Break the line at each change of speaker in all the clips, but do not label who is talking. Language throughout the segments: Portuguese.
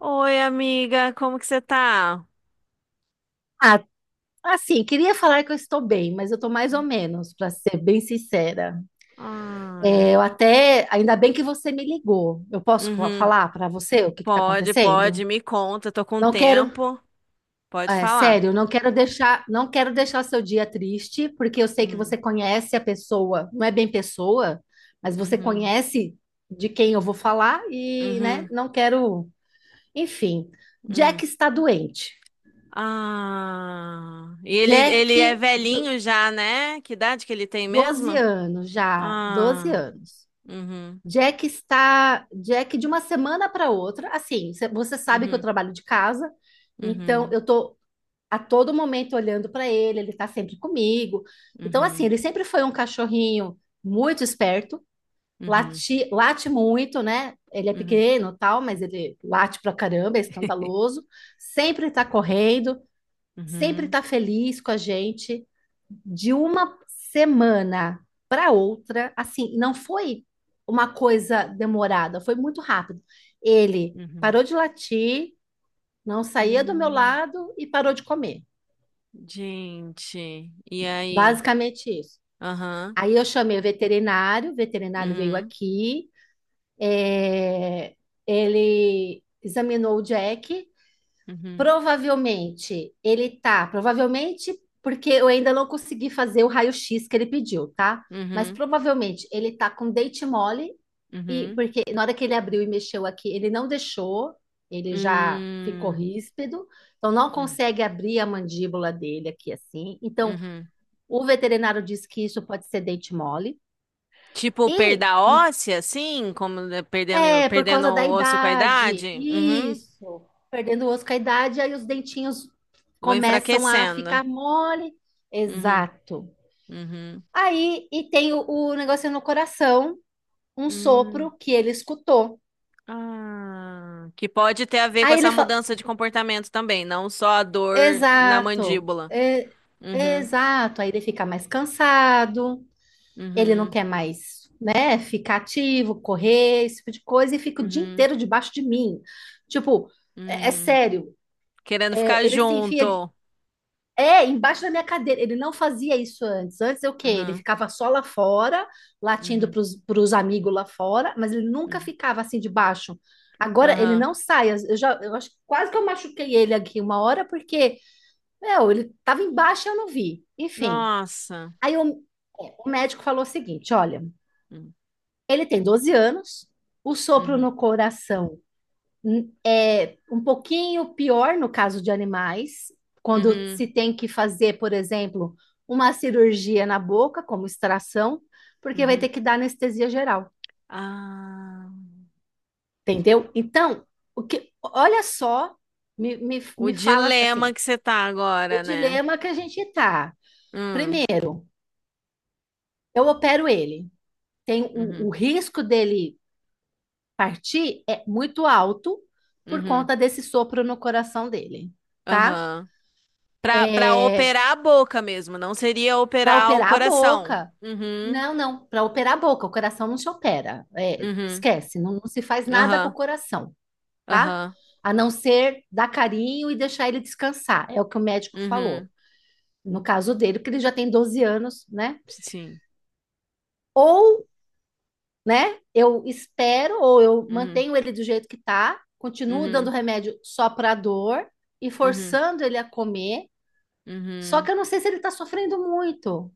Oi, amiga, como que você tá?
Ah, assim, queria falar que eu estou bem, mas eu estou mais ou menos, para ser bem sincera.
Ai,
É, eu até, ainda bem que você me ligou. Eu posso
uhum,
falar para você o que está
Pode, pode,
acontecendo?
me conta, eu tô com
Não quero,
tempo. Pode
é,
falar.
sério, não quero deixar o seu dia triste, porque eu sei que
Hum,
você conhece a pessoa, não é bem pessoa, mas você
uhum,
conhece de quem eu vou falar e, né,
uhum,
não quero, enfim.
hum.
Jack está doente.
Ah, e ele,
Jack,
ele é
de
velhinho já, né? Que idade que ele tem
12
mesmo?
anos já, 12
Ah,
anos.
uhum,
Jack está. Jack, de uma semana para outra, assim, você sabe que eu
uhum,
trabalho de casa, então
uhum,
eu tô a todo momento olhando para ele, ele tá sempre comigo. Então, assim,
uhum,
ele sempre foi um cachorrinho muito esperto,
uhum,
late muito, né? Ele é
uhum.
pequeno, tal, mas ele late pra caramba, é escandaloso, sempre tá correndo, sempre
Uhum,
está feliz com a gente, de uma semana para outra, assim, não foi uma coisa demorada, foi muito rápido. Ele
uhum.
parou de latir, não saía do meu
Hum,
lado e parou de comer.
gente, e aí?
Basicamente isso.
Aham,
Aí eu chamei o veterinário veio
uhum,
aqui, é, ele examinou o Jack.
uhum,
Provavelmente porque eu ainda não consegui fazer o raio-x que ele pediu, tá? Mas
Uhum,
provavelmente ele tá com dente mole, e
uhum,
porque na hora que ele abriu e mexeu aqui, ele não deixou, ele já ficou
hum,
ríspido, então não
hum,
consegue abrir a mandíbula dele aqui assim. Então
uhum.
o veterinário diz que isso pode ser dente mole.
Tipo,
E
perda óssea, assim, como de- perdendo,
é, por
perdendo
causa da
o osso com a
idade.
idade? Uhum.
Isso. Perdendo o osso com a idade, aí os dentinhos
Vou
começam a ficar
enfraquecendo.
mole.
Uhum,
Exato.
uhum.
Aí, e tem o negócio no coração, um sopro
Hum,
que ele escutou.
Ah, que pode ter a ver com
Aí
essa
ele fala,
mudança de comportamento também, não só a dor na
exato,
mandíbula. Uhum,
exato. Aí ele fica mais cansado, ele não
uhum,
quer mais, né, ficar ativo, correr, esse tipo de coisa, e fica o dia
uhum,
inteiro debaixo de mim. Tipo, é
uhum.
sério,
Querendo ficar
Ele se enfia,
junto.
Embaixo da minha cadeira. Ele não fazia isso antes. Antes é o quê? Ele
Uhum,
ficava só lá fora, latindo
uhum,
para os amigos lá fora, mas ele nunca
uhum.
ficava assim debaixo. Agora ele
Aham.
não sai. Eu já, eu acho que quase que eu machuquei ele aqui uma hora, porque, meu, ele estava embaixo e eu não vi. Enfim.
Nossa.
Aí o médico falou o seguinte: olha,
Uhum.
ele tem 12 anos, o sopro
uhum.
no coração é um pouquinho pior no caso de animais, quando
Uhum,
se tem que fazer, por exemplo, uma cirurgia na boca, como extração, porque vai
uhum.
ter que dar anestesia geral,
Ah,
entendeu? Então, o que, olha só, me, me,
o
me fala
dilema
assim,
que você tá
o
agora, né?
dilema que a gente está.
Hum,
Primeiro, eu opero ele. Tem
uhum,
o risco dele partir é muito alto por
uhum,
conta desse sopro no coração dele, tá?
aham. Pra
É,
operar a boca mesmo, não seria
para
operar o
operar a
coração.
boca.
Uhum,
Não, não, para operar a boca, o coração não se opera. É,
uhum,
esquece, não, não se faz nada com o
aham,
coração, tá?
aham,
A não ser dar carinho e deixar ele descansar. É o que o médico
uhum,
falou. No caso dele, porque ele já tem 12 anos, né?
sim,
Ou, né, eu espero, ou eu
uhum,
mantenho ele do jeito que tá, continuo dando
uhum,
remédio só para dor e
uhum,
forçando ele a comer. Só
uhum.
que eu não sei se ele tá sofrendo muito,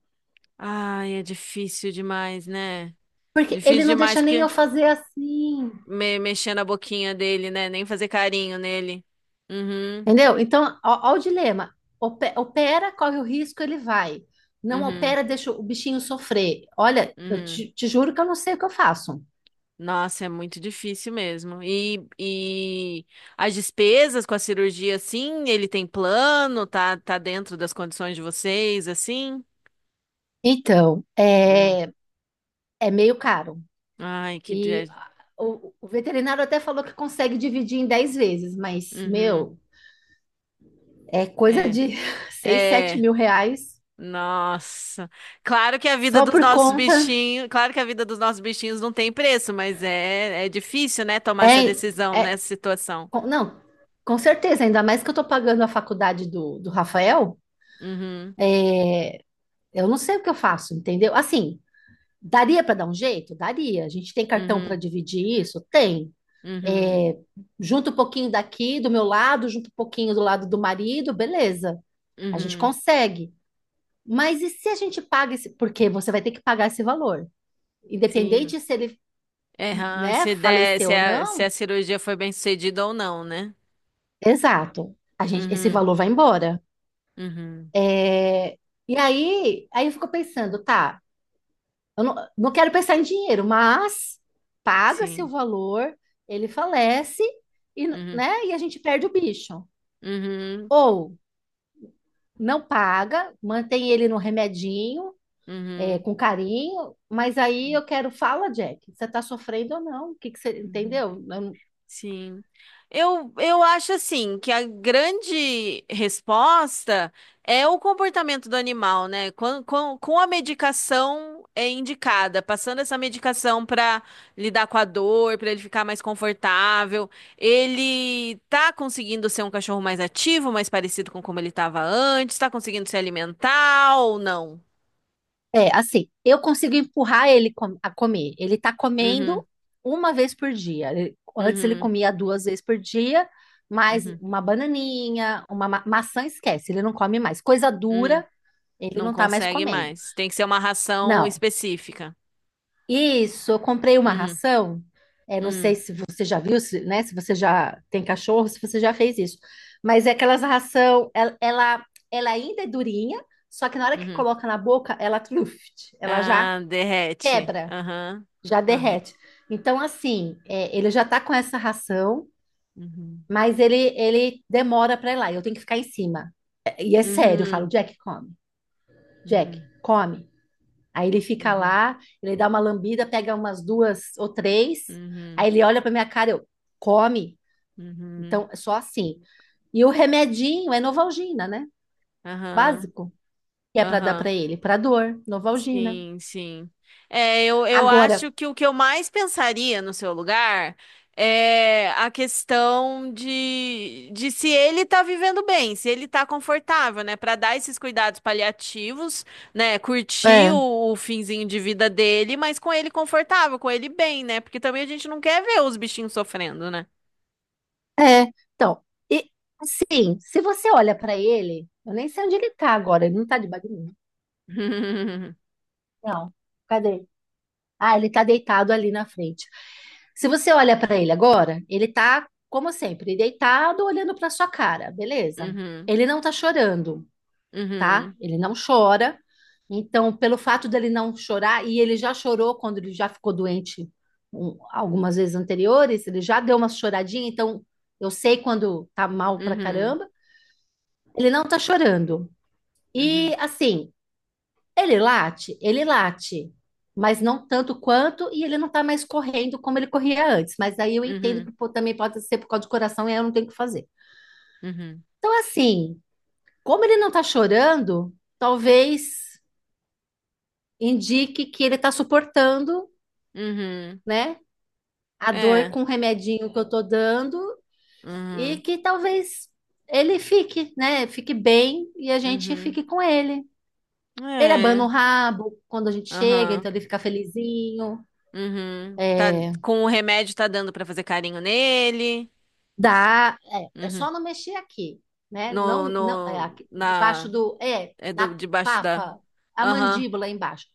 Ai, é difícil demais, né?
porque ele
Difícil
não
demais
deixa nem
porque
eu fazer assim.
mexer na boquinha dele, né? Nem fazer carinho nele. Uhum,
Entendeu? Então, ó, o dilema. Opera, corre o risco, ele vai. Não
uhum,
opera, deixa o bichinho sofrer. Olha, eu
uhum.
te juro que eu não sei o que eu faço.
Nossa, é muito difícil mesmo. E as despesas com a cirurgia, sim, ele tem plano, tá dentro das condições de vocês, assim?
Então,
Hum.
é meio caro.
Ai, que
E
dia.
ah, o veterinário até falou que consegue dividir em 10 vezes, mas,
Uhum.
meu, é coisa
É,
de seis, sete
é.
mil reais
Nossa. Claro que a vida
só
dos
por
nossos
conta.
bichinhos, claro que a vida dos nossos bichinhos não tem preço, mas é difícil, né, tomar essa
É,
decisão
é,
nessa situação.
não, com certeza, ainda mais que eu tô pagando a faculdade do Rafael,
Uhum,
eu não sei o que eu faço, entendeu? Assim, daria para dar um jeito? Daria. A gente tem cartão para
uhum,
dividir isso? Tem.
uhum,
É, junta um pouquinho daqui do meu lado, junta um pouquinho do lado do marido, beleza. A gente
uhum.
consegue. Mas e se a gente paga esse? Porque você vai ter que pagar esse valor.
Sim.
Independente se ele,
É, aham,
né,
se der, se
faleceu ou
a, se
não,
a cirurgia foi bem sucedida ou não, né?
exato. A gente, esse
Uhum,
valor vai embora.
uhum,
É, e aí, eu fico pensando, tá, eu não quero pensar em dinheiro, mas paga-se o
sim.
valor, ele falece e,
Uhum,
né, e a gente perde o bicho.
uhum,
Ou não paga, mantém ele no remedinho, é,
uhum,
com carinho, mas aí eu quero, fala, Jack, você está sofrendo ou não? O que que você,
uhum.
entendeu? Eu
Sim. Eu acho assim que a grande resposta é o comportamento do animal, né? Com a medicação é indicada, passando essa medicação para lidar com a dor, para ele ficar mais confortável, ele tá conseguindo ser um cachorro mais ativo, mais parecido com como ele estava antes, tá conseguindo se alimentar ou não?
é, assim, eu consigo empurrar ele a comer. Ele tá
Uhum,
comendo uma vez por dia. Antes ele
uhum,
comia duas vezes por dia, mas
uhum,
uma bananinha, uma maçã, esquece, ele não come mais. Coisa
uhum.
dura, ele
Não
não tá mais
consegue
comendo.
mais. Tem que ser uma ração
Não.
específica.
Isso, eu comprei uma
Uhum.
ração. É, não sei
Hum,
se você já viu, se, né? Se você já tem cachorro, se você já fez isso. Mas é aquelas ração, ela ainda é durinha, só que na hora que
uhum.
coloca na boca, ela truft, ela já
Ah, derrete.
quebra,
Aham.
já
Aham.
derrete. Então, assim, é, ele já tá com essa ração,
Uhum.
mas ele demora pra ir lá, e eu tenho que ficar em cima. E é sério, eu falo,
Uhum.
Jack, come. Jack,
Uhum.
come. Aí ele fica
Uhum.
lá, ele dá uma lambida, pega umas duas ou três, aí
Uhum.
ele olha pra minha cara, eu, come.
Uhum.
Então, é só assim. E o remedinho é Novalgina, né?
Aham.
Básico. Que é pra dar
Aham.
pra ele, pra dor, Novalgina.
Sim, sim. É, eu
Agora,
acho que o que eu mais pensaria no seu lugar é a questão de se ele tá vivendo bem, se ele tá confortável, né? Pra dar esses cuidados paliativos, né? Curtir
é.
o finzinho de vida dele, mas com ele confortável, com ele bem, né? Porque também a gente não quer ver os bichinhos sofrendo, né?
É, então, e sim, se você olha pra ele, eu nem sei onde ele tá agora, ele não tá debaixo de mim. Não, cadê? Ah, ele tá deitado ali na frente. Se você olha pra ele agora, ele tá, como sempre, deitado, olhando pra sua cara, beleza?
Uhum,
Ele não tá chorando, tá?
uhum,
Ele não chora. Então, pelo fato dele não chorar, e ele já chorou quando ele já ficou doente algumas vezes anteriores, ele já deu uma choradinha, então eu sei quando tá mal pra
uhum,
caramba. Ele não tá chorando. E
uhum,
assim, ele late, mas não tanto quanto, e ele não tá mais correndo como ele corria antes. Mas aí eu entendo
uhum,
que pô, também pode ser por causa do coração e aí eu não tenho o que fazer.
uhum, uhum,
Então, assim, como ele não tá chorando, talvez indique que ele tá suportando,
uhum.
né, a dor
É.
com o remedinho que eu tô dando e
uhum.
que talvez ele fique, né, fique bem e a gente
Uhum.
fique com ele. Ele abana o
É.
rabo quando a gente chega,
Aham.
então ele fica felizinho.
Uhum. Tá,
É,
com o remédio tá dando pra fazer carinho nele.
dá, é
Uhum.
só não mexer aqui, né?
No,
Não, não,
no,
aqui, embaixo
na,
do, é,
é do,
na
debaixo da.
papa, a
Aham.
mandíbula embaixo.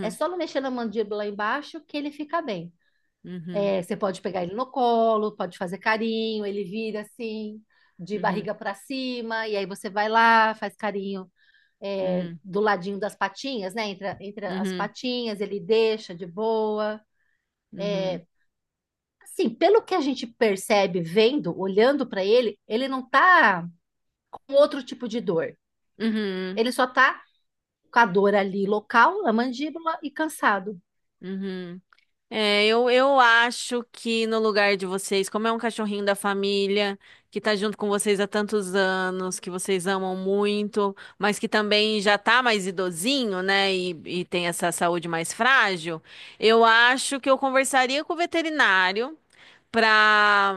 É só não mexer na mandíbula embaixo que ele fica bem.
Uhum.
É, você pode pegar ele no colo, pode fazer carinho, ele vira assim, de
Uhum.
barriga para cima, e aí você vai lá, faz carinho, é,
Uhum.
do ladinho das patinhas, né? Entre, entre as
Uhum.
patinhas, ele deixa de boa.
Uhum.
Assim, pelo que a gente percebe vendo, olhando para ele, ele não tá com outro tipo de dor.
Uhum.
Ele só tá com a dor ali local, na mandíbula e cansado.
Uhum. É, eu acho que no lugar de vocês, como é um cachorrinho da família, que tá junto com vocês há tantos anos, que vocês amam muito, mas que também já tá mais idosinho, né? E tem essa saúde mais frágil, eu acho que eu conversaria com o veterinário para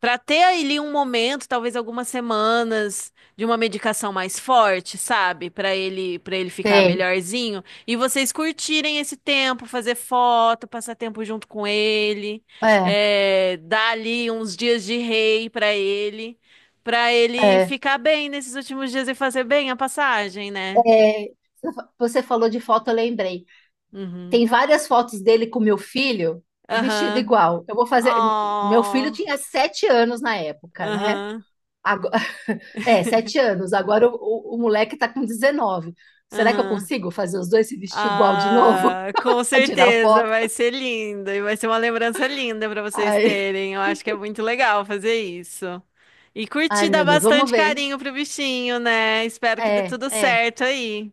para ter ali um momento, talvez algumas semanas de uma medicação mais forte, sabe? Para ele ficar
Sei.
melhorzinho e vocês curtirem esse tempo, fazer foto, passar tempo junto com ele,
É,
dar ali uns dias de rei para ele
é.
ficar bem nesses últimos dias e fazer bem a passagem, né?
É, você falou de foto, eu lembrei.
Uhum.
Tem várias fotos dele com meu filho vestido
Aham.
igual. Eu vou fazer. Meu filho
Ó.
tinha 7 anos na época, né?
Aham.
Agora- É, 7 anos. Agora o moleque tá com 19. Será que eu
Aham.
consigo fazer os dois se vestir igual de novo
Ah, com
para tirar
certeza
foto?
vai ser lindo e vai ser uma lembrança linda para vocês
Ai,
terem. Eu acho que é muito legal fazer isso. E
ai,
curtir dar
meu Deus, vamos
bastante
ver.
carinho pro bichinho, né? Espero que dê
É,
tudo
é.
certo aí.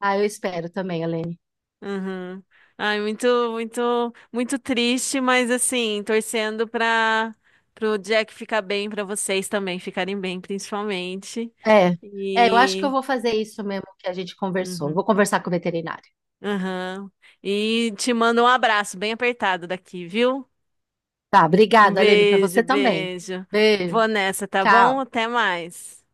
Ah, eu espero também, Helene.
Uhum. Ai, muito, muito, muito triste, mas assim, torcendo para pro Jack ficar bem, para vocês também ficarem bem, principalmente.
É, é, eu acho que eu
E
vou fazer isso mesmo que a gente conversou. Eu
Uhum.
vou conversar com o veterinário.
Aham. E te mando um abraço bem apertado daqui, viu?
Tá,
Um
obrigada, Helene, para
beijo,
você também.
beijo.
Beijo,
Vou nessa, tá bom?
tchau.
Até mais.